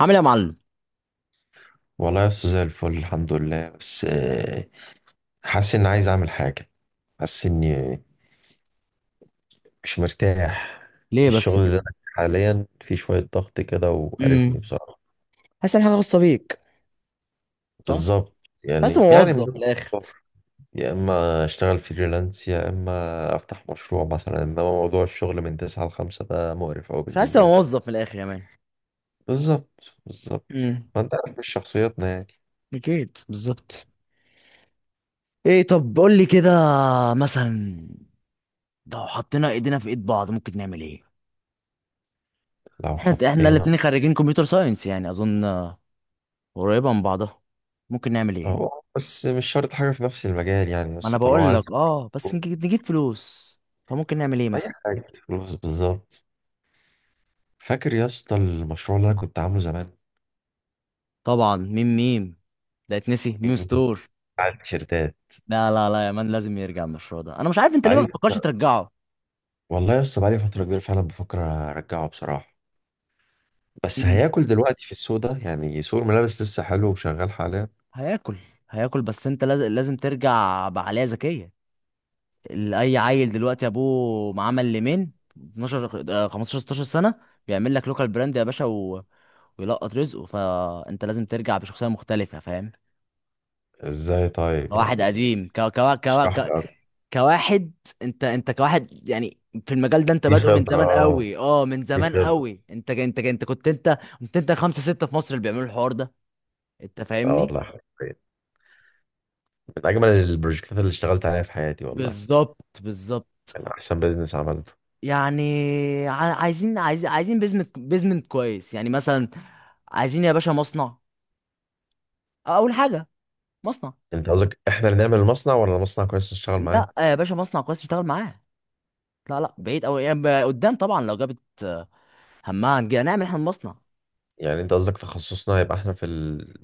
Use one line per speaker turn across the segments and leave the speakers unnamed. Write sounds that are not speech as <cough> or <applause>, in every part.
عامل ايه يا معلم؟
والله يا أستاذ زي الفل الحمد لله بس حاسس إني عايز أعمل حاجة. حاسس إني مش مرتاح.
ليه
الشغل
بس
اللي أنا
كده؟
فيه حاليا فيه شوية ضغط كده وقرفني
امم
بصراحة.
حاسس ان حاجه خاصه بيك. صح.
بالظبط.
مش حاسس إني
يعني من
موظف
ضمن
من الاخر.
الأفكار، يا إما أشتغل فريلانس يا إما أفتح مشروع مثلا، إنما موضوع الشغل من تسعة لخمسة ده مقرف أوي
مش حاسس إني
بالنسبة لي.
موظف من الاخر يا مان.
بالظبط بالظبط.
امم
ما أنت عارف مش شخصيتنا يعني.
اكيد، بالظبط. ايه، طب قول لي كده، مثلا لو حطينا ايدينا في ايد بعض ممكن نعمل ايه؟
لو
احنا
حطينا.
الاتنين خريجين كمبيوتر ساينس، يعني اظن قريبه من بعضها. ممكن نعمل ايه؟
هو بس مش شرط حاجة في نفس المجال يعني،
ما انا
بس طالما
بقول
عايز
لك اه، بس نجيب فلوس. فممكن نعمل ايه
اي
مثلا؟
حاجه فلوس بالظبط. فاكر يا اسطى المشروع اللي انا كنت عامله زمان؟
طبعا، ميم ميم، ده اتنسي ميم ستور.
بتاع التيشيرتات.
لا لا لا يا مان، لازم يرجع المشروع ده. انا مش عارف انت ليه ما
بقالي
بتفكرش
فترة-
ترجعه.
والله يا اسطى بقالي فتره كبيره فعلا بفكر ارجعه بصراحه. بس
مم.
هياكل دلوقتي في السوق ده؟ يعني سوق الملابس لسه حلو وشغال حاليا.
هياكل. هياكل، بس انت لازم ترجع بعقلية ذكية. اي عيل دلوقتي ابوه معاه ليمين 12 15 16 سنة بيعمل لك لوكال براند يا باشا ويلقط رزقه. فانت لازم ترجع بشخصية مختلفة، فاهم؟
ازاي طيب
كواحد
يعني؟
قديم،
اشرح لي اكتر.
كواحد. انت كواحد يعني في المجال ده انت
في
بادئه من
خبره،
زمان قوي، اه من
في
زمان
خبره.
قوي، انت كنت خمسة ستة في مصر اللي بيعملوا الحوار ده. انت
اه
فاهمني.
والله حرفيا من اجمل البروجكتات اللي اشتغلت عليها في حياتي والله.
بالظبط بالظبط.
يعني احسن بيزنس عملته.
يعني عايزين عايزين بيزمنت كويس يعني، مثلا عايزين يا باشا مصنع. اول حاجة مصنع.
انت قصدك احنا اللي نعمل المصنع ولا المصنع كويس نشتغل معاه؟
لا يا باشا، مصنع كويس تشتغل معاه. لا لا، بعيد قوي يعني، قدام طبعا لو جابت همها هنعمل احنا مصنع.
يعني انت قصدك تخصصنا هيبقى احنا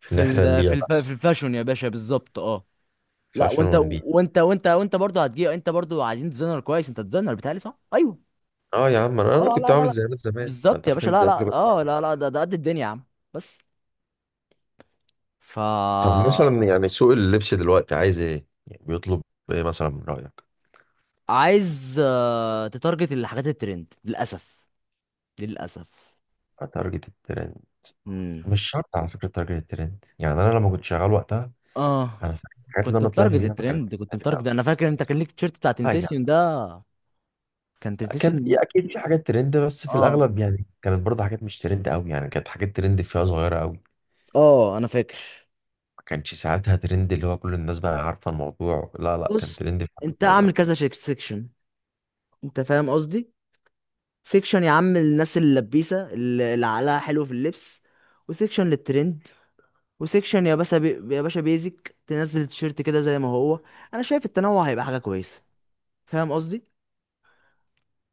في ان
في
احنا
ال في
نبيع
الف في
بس.
الفاشون يا باشا، بالظبط اه.
في
لا،
عشان
وانت
ونبيع.
وانت برضه هتجيب. انت برضه عايزين ديزاينر كويس. انت ديزاينر بتهيألي، صح؟ ايوه.
اه يا عم انا
اه
كنت
لا لا
عامل
لا،
زيارات زمان، ما
بالظبط
انت
يا
فاكر
باشا. لا
الزيارات اللي
لا
كنت
اه
بعملها.
لا لا، ده قد الدنيا يا عم. بس ف
طب مثلا يعني سوق اللبس دلوقتي عايز ايه، يعني بيطلب ايه مثلا من رايك؟
عايز تتارجت الحاجات الترند، للاسف، للاسف.
تارجت الترند.
امم
مش شرط على فكره تارجت الترند، يعني انا لما كنت شغال وقتها
اه.
انا فاكر الحاجات اللي
كنت
انا طلعت
متارجت
بيها ما كانتش
الترند، كنت
ترند
متارجت.
قوي
انا فاكر انت كان ليك التيشيرت بتاع
اه
تنتسيون
يعني.
ده. كان
كان
تنتسيون.
في اكيد في حاجات ترند بس في
اه.
الاغلب يعني كانت برضه حاجات مش ترند قوي، يعني كانت حاجات ترند فيها صغيره قوي.
اه انا فاكر.
ما كانش ساعتها ترند اللي هو كل الناس بقى عارفة الموضوع، لا لا، كان
بص،
ترند في حاجة
انت
صغيرة.
عامل كذا سيكشن. انت فاهم قصدي؟ سيكشن يا عم الناس اللبيسه اللي عقلها حلو في اللبس، وسيكشن للترند، وسيكشن يا باشا يا باشا بيزك تنزل التيشيرت كده زي ما هو. انا شايف التنوع هيبقى حاجه كويسه. فاهم قصدي؟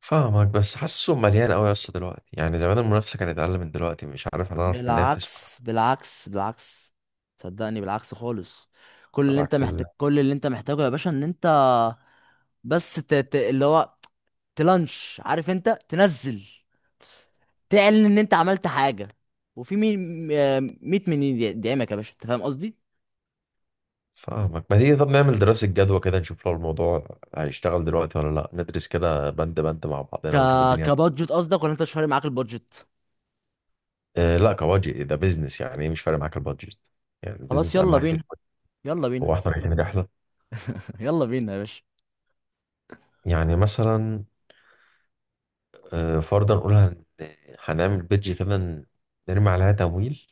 فاهمك بس حاسه مليان قوي يا اسطى دلوقتي، يعني زمان المنافسة كانت أقل من دلوقتي مش عارف أنا أعرف ننافس
بالعكس بالعكس بالعكس، صدقني بالعكس خالص.
بالعكس ده.
كل اللي انت محتاجه يا باشا ان انت بس ت... ت... اللي هو تلانش، عارف، انت تنزل تعلن ان انت عملت حاجه. وفي مين؟ 100 مليون دعمك يا باشا، انت فاهم قصدي.
فاهمك. ما تيجي طب نعمل دراسة جدوى كده، نشوف لو الموضوع هيشتغل دلوقتي ولا لا، ندرس كده بند بند مع
ك
بعضنا ونشوف الدنيا.
كبادجت قصدك ولا انت مش فارق معاك البادجت؟
اه لا كواجه ده بيزنس، يعني ايه مش فارق معاك البادجت. يعني
خلاص،
البيزنس أهم
يلا
حاجة في
بينا.
البادجت.
يلا بينا.
هو احنا رايحين رحلة
<laughs> يلا بينا يا باشا.
يعني مثلا؟ اه فرضا نقول هنعمل بيدج كده، نرمي عليها تمويل.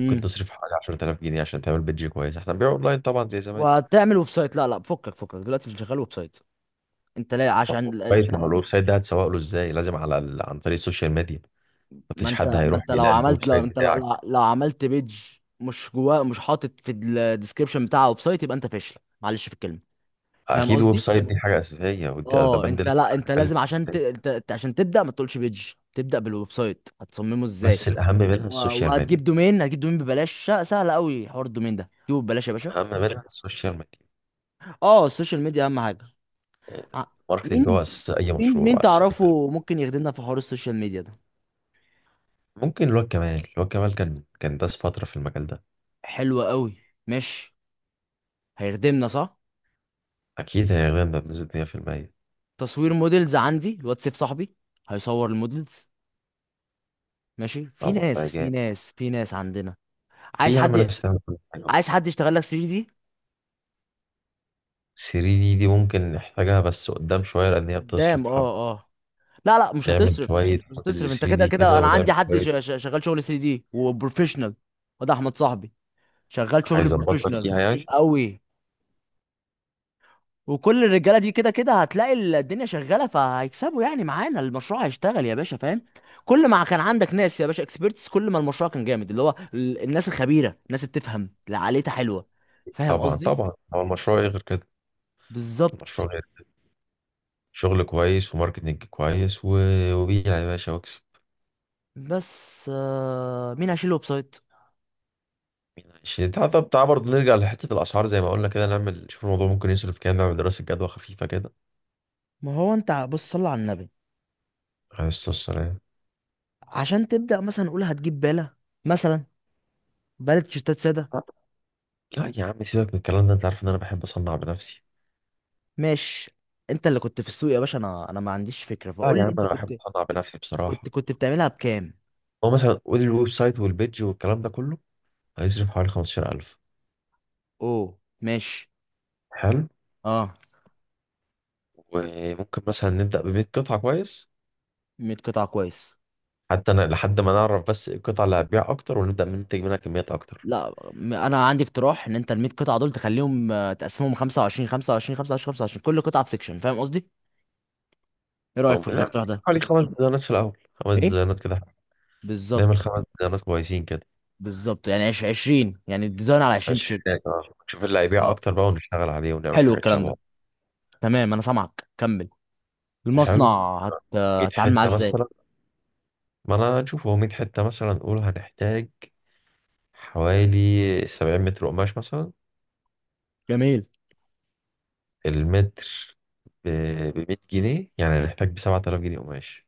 ممكن تصرف حوالي 10000 جنيه عشان تعمل بيدج كويس، احنا بنبيع اونلاين طبعا زي زمان.
وهتعمل ويب سايت؟ لا لا، فكك فكك دلوقتي، مش شغال ويب سايت. انت لا، عشان انت.
كويس، ما هو الويب سايت ده هتسوق له ازاي؟ لازم عن طريق السوشيال ميديا.
ما
مفيش
انت
حد
ما
هيروح
انت لو
يلاقي الويب
عملت لو
سايت
انت لو,
بتاعك.
لو لو عملت بيج مش جواه، مش حاطط في الديسكربشن بتاعها ويب سايت، يبقى انت فاشل، معلش في الكلمه. فاهم
اكيد الويب
قصدي؟
سايت دي حاجه اساسيه ودي ده
اه
بند
انت
لسه
لا، انت
هنتكلم
لازم
فيه
عشان
تاني.
عشان تبدا، ما تقولش بيج، تبدا بالويب سايت، هتصممه ازاي؟
بس الاهم منها السوشيال ميديا.
وهتجيب دومين. هتجيب دومين ببلاش، سهل قوي حوار الدومين ده، جيبه ببلاش يا باشا.
الاهم منها السوشيال ميديا
اه، السوشيال ميديا اهم حاجه.
يعني.
ع-
الماركتنج
مين؟
هو اساس اي
مين
مشروع
مين
واساس أي حاجة.
تعرفه ممكن يخدمنا في حوار السوشيال ميديا ده؟
ممكن الواد كمال، الواد كمال كان داس فتره في المجال ده.
حلو قوي. ماشي. هيخدمنا، صح.
اكيد هيغنى بنسبه 100%.
تصوير موديلز، عندي الواتساب صاحبي، هيصور الموديلز. ماشي، في
طبعا ده
ناس
جامد.
عندنا.
في
عايز
يا عم
حد.
ناس تعمل كل حاجة.
عايز حد يشتغل لك 3D دي.
3 دي، دي ممكن نحتاجها بس قدام شوية لأن هي
قدام
بتصرف حبة.
اه. اه لا لا، مش
نعمل
هتصرف
شوية
مش هتصرف
موديلز
انت
3
كده
دي
كده
كده
انا عندي
ونعمل
حد
شوية.
شغال شغل 3D دي وبروفيشنال. وده احمد صاحبي، شغال شغل
هيظبطنا
بروفيشنال
فيها يعني.
قوي. وكل الرجاله دي كده كده هتلاقي الدنيا شغاله، فهيكسبوا يعني معانا. المشروع هيشتغل يا باشا، فاهم. كل ما كان عندك ناس يا باشا اكسبيرتس، كل ما المشروع كان جامد، اللي هو الناس الخبيره، الناس اللي بتفهم، اللي عقليتها حلوه. فاهم
طبعا
قصدي؟
طبعا، هو المشروع إيه غير كده؟
بالظبط.
المشروع غير شغل كويس وماركتنج كويس وبيع يا باشا واكسب.
بس مين هيشيل الويب سايت؟
مين عايشين؟ تعال، طب تعال برضه نرجع لحتة الأسعار زي ما قلنا كده، نعمل نشوف الموضوع ممكن يصرف كام، نعمل دراسة جدوى خفيفة كده.
ما هو انت بص، صل على النبي.
عليه الصلاة والسلام.
عشان تبدأ مثلا، نقول هتجيب بالة، مثلا بالة تيشيرتات سادة.
لا لا يا عم سيبك من الكلام ده، أنت عارف إن أنا بحب أصنع بنفسي.
ماشي. انت اللي كنت في السوق يا باشا، انا انا ما عنديش فكرة،
لا
فقول
يا
لي
عم
انت
أنا بحب
كنت.
أصنع بنفسي بصراحة.
كنت بتعملها بكام؟
هو مثلا قول الويب سايت والبيدج والكلام ده كله هيصرف حوالي 15000.
اوه. ماشي.
حلو.
اه.
وممكن مثلا نبدأ ب 100 قطعة كويس.
100 قطعة كويس.
حتى أنا لحد ما نعرف بس إيه القطعة اللي هتبيع أكتر ونبدأ من ننتج منها كميات أكتر.
لا، انا عندي اقتراح ان انت ال 100 قطعة دول تخليهم تقسمهم 25 25 25 25، كل قطعة في سيكشن، فاهم قصدي؟ ايه رأيك في
ممكن نعمل
الاقتراح ده؟
حوالي خمس ديزاينات في الأول، خمس
ايه؟
ديزاينات كده. نعمل
بالظبط
خمس ديزاينات كويسين كده.
بالظبط يعني 20 يعني الديزاين على 20
عشرين
تيشيرت.
دقيقة، نشوف اللي هيبيع
اه،
أكتر بقى ونشتغل عليه ونعمل
حلو
حاجات
الكلام
شبهه.
ده. تمام، انا سامعك، كمل.
حلو.
المصنع
100
هتتعامل معاه
حتة
ازاي؟
مثلا، ما أنا نشوف هو 100 حتة مثلا نقول هنحتاج حوالي 70 متر قماش مثلا.
جميل.
المتر ب 100 جنيه يعني هنحتاج ب 7000 جنيه قماش.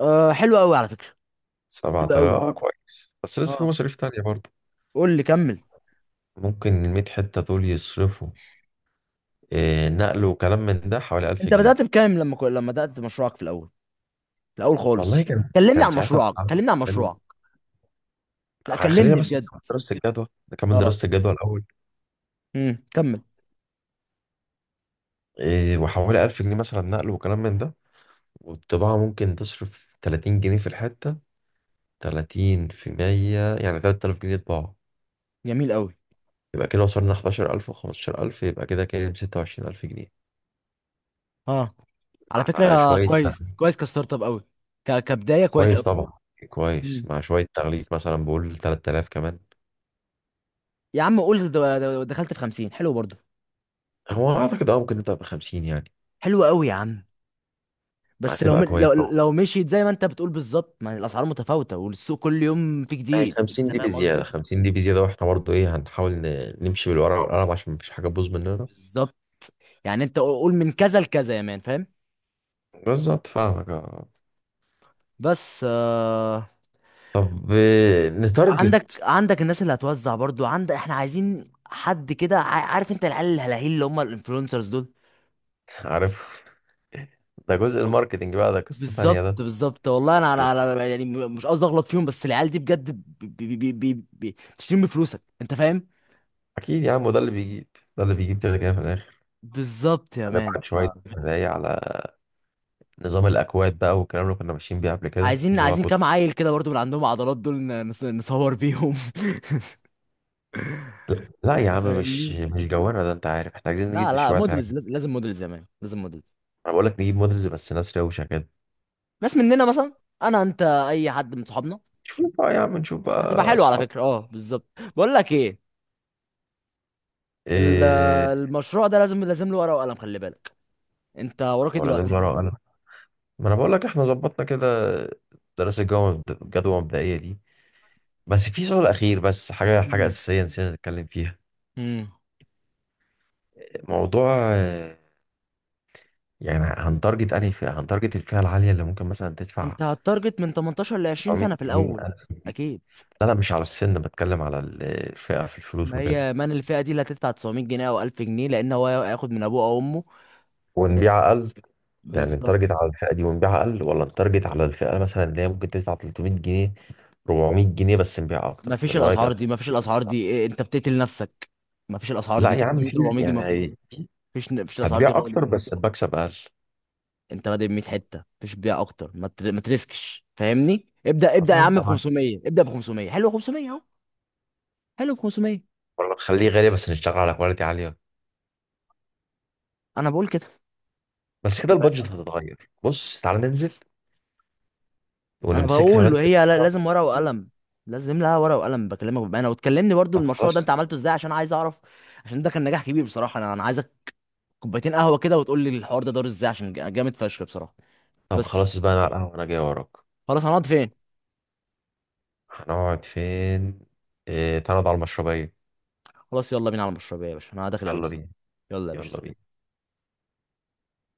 أه حلو قوي على فكره.
سبعة
حلو
آلاف
قوي.
آه كويس بس لسه في
اه.
مصاريف تانية برضه.
قول لي، كمل.
ممكن الميت حتة دول يصرفوا إيه، نقل وكلام من ده حوالي 1000
انت
جنيه
بدات بكام لما لما بدات مشروعك في الاول؟ في الاول
والله
خالص
كان
كلمني
كان
عن
ساعتها
مشروعك،
أسعار
كلمني عن
حلوة.
مشروعك. لا
خلينا
كلمني
بس
بجد.
نكمل دراسة الجدوى. نكمل
اه.
دراسة الجدوى الأول.
كمل.
إيه، وحوالي 1000 جنيه مثلا نقل وكلام من ده. والطباعة ممكن تصرف 30 جنيه في الحتة. 30 في 100 يعني 3000 جنيه طباعة.
جميل قوي.
يبقى كده وصلنا 11000 و15000، يبقى كده كام؟ 26000 جنيه.
اه على
مع
فكره
شوية.
كويس كويس كستارت اب قوي. كبدايه كويس
كويس
قوي.
طبعا. كويس،
مم.
مع شوية تغليف مثلا بقول 3000 كمان.
يا عم قول، دخلت في 50، حلو برضه.
هو أعتقد ممكن نبدأ ب 50 يعني.
حلو قوي يا عم. بس لو
هتبقى
م-
كويس
لو
طبعا.
لو مشيت زي ما انت بتقول بالظبط. ما الاسعار متفاوته والسوق كل يوم في
يعني
جديد،
50
انت
دي
فاهم
بزيادة
قصدي.
50 دي بزيادة، وإحنا برضه إيه هنحاول نمشي بالورقة والقلم عشان مفيش حاجة تبوظ مننا.
بالظبط. يعني انت قول من كذا لكذا يا مان، فاهم.
بالظبط فاهمك أه.
بس آه.
طب
عندك.
نتارجت.
عندك الناس اللي هتوزع برضو عندك. احنا عايزين حد كده، عارف انت العيال الهلاهيل اللي هم الانفلونسرز دول.
عارف. <laughs> ده جزء
وال-
الماركتينج بقى، ده قصة تانية
بالظبط
ده.
بالظبط. والله انا يعني مش قصدي اغلط فيهم، بس العيال دي بجد بتشتري من فلوسك، انت فاهم.
أكيد يا عم، وده اللي بيجيب، ده اللي بيجيب كده كده في الآخر.
بالظبط يا مان.
هنبعت شوية هدايا على نظام الأكواد بقى، والكلام اللي كنا ماشيين بيه قبل كده
عايزين
اللي هو
عايزين
كود.
كام عيل كده برضو من عندهم عضلات دول نصور بيهم. <laughs>
لا يا
انت
عم مش
فاهمني.
مش جوانا ده، انت عارف احنا عايزين
لا
نجيب
لا،
شويه حاجه.
مودلز لازم مودلز يا مان، لازم مودلز.
انا بقول لك نجيب مودلز بس ناس روشه كده.
ناس مننا مثلا، انا انت، اي حد من صحابنا.
نشوف بقى يا عم، نشوف
هتبقى
بقى
حلو على
اصحاب.
فكره، اه بالظبط. بقول لك ايه؟ ال-
ايه.
المشروع ده لازم له ورقه وقلم، خلي بالك. انت وراك إيه
ولا لازم
دلوقتي؟
ورقه وقلم. ما انا بقول لك احنا ظبطنا كده. دراسه الجدوى المبدئيه دي. بس في سؤال اخير، بس حاجه
امم
اساسيه نسينا نتكلم فيها.
امم
موضوع يعني هنتارجت انهي فئه، هنتارجت الفئه العاليه اللي ممكن مثلا تدفع
انت هتارجت من 18 ل 20 سنه
900
في
جنيه
الاول.
1000 جنيه؟
اكيد.
لا لا مش على السن، بتكلم على الفئه في الفلوس
ما
وكده،
هي مان الفئه دي اللي هتدفع 900 جنيه او 1000 جنيه، لان هو هياخد من ابوه او امه.
ونبيع اقل. يعني
بالظبط.
التارجت على الفئة دي ونبيعها أقل، ولا التارجت على الفئة مثلا اللي هي ممكن تدفع 300 جنيه 400 جنيه بس نبيع
ما
أكتر،
فيش
من رأيك
الاسعار
أنا؟
دي، ما فيش الاسعار دي إيه، انت بتقتل نفسك. ما فيش الاسعار
لا
دي
يا عم
300
في
400 جنيه. ما
يعني
فيش ما فيش الاسعار دي
هتبيع أكتر
خالص.
بس المكسب أقل.
انت بادئ ب 100 حته، ما فيش بيع اكتر، ما تريسكش، فاهمني، ابدا ابدا يا
والله أنت
عم، ب
معاك.
500، ابدا ب 500، حلو 500، اهو. حلو، ب 500.
ولا نخليه غالي بس نشتغل على كواليتي عالية.
انا بقول كده.
بس كده
انت فاهم
البادجت
قصدي.
هتتغير، بص تعالى ننزل
انا
ونمسكها
بقول
بنت.
وهي لازم ورقه وقلم. لازم لها ورقه وقلم. بكلمك بامانه، وتكلمني برضو
طب
المشروع ده انت
خلاص.
عملته ازاي، عشان عايز اعرف، عشان ده كان نجاح كبير بصراحه. انا انا عايزك كوبايتين قهوه كده، وتقول لي الحوار ده دار ازاي، عشان جامد فشخ بصراحه.
طب
بس،
خلاص بقى، أنا على القهوة أنا جاي وراك.
خلاص هنقعد فين؟
هنقعد فين؟ إيه تعالى نقعد على المشربية.
خلاص يلا بينا على المشروع يا باشا، انا داخل
يلا
البس.
بينا.
يلا يا باشا،
يلا بينا.
سلام.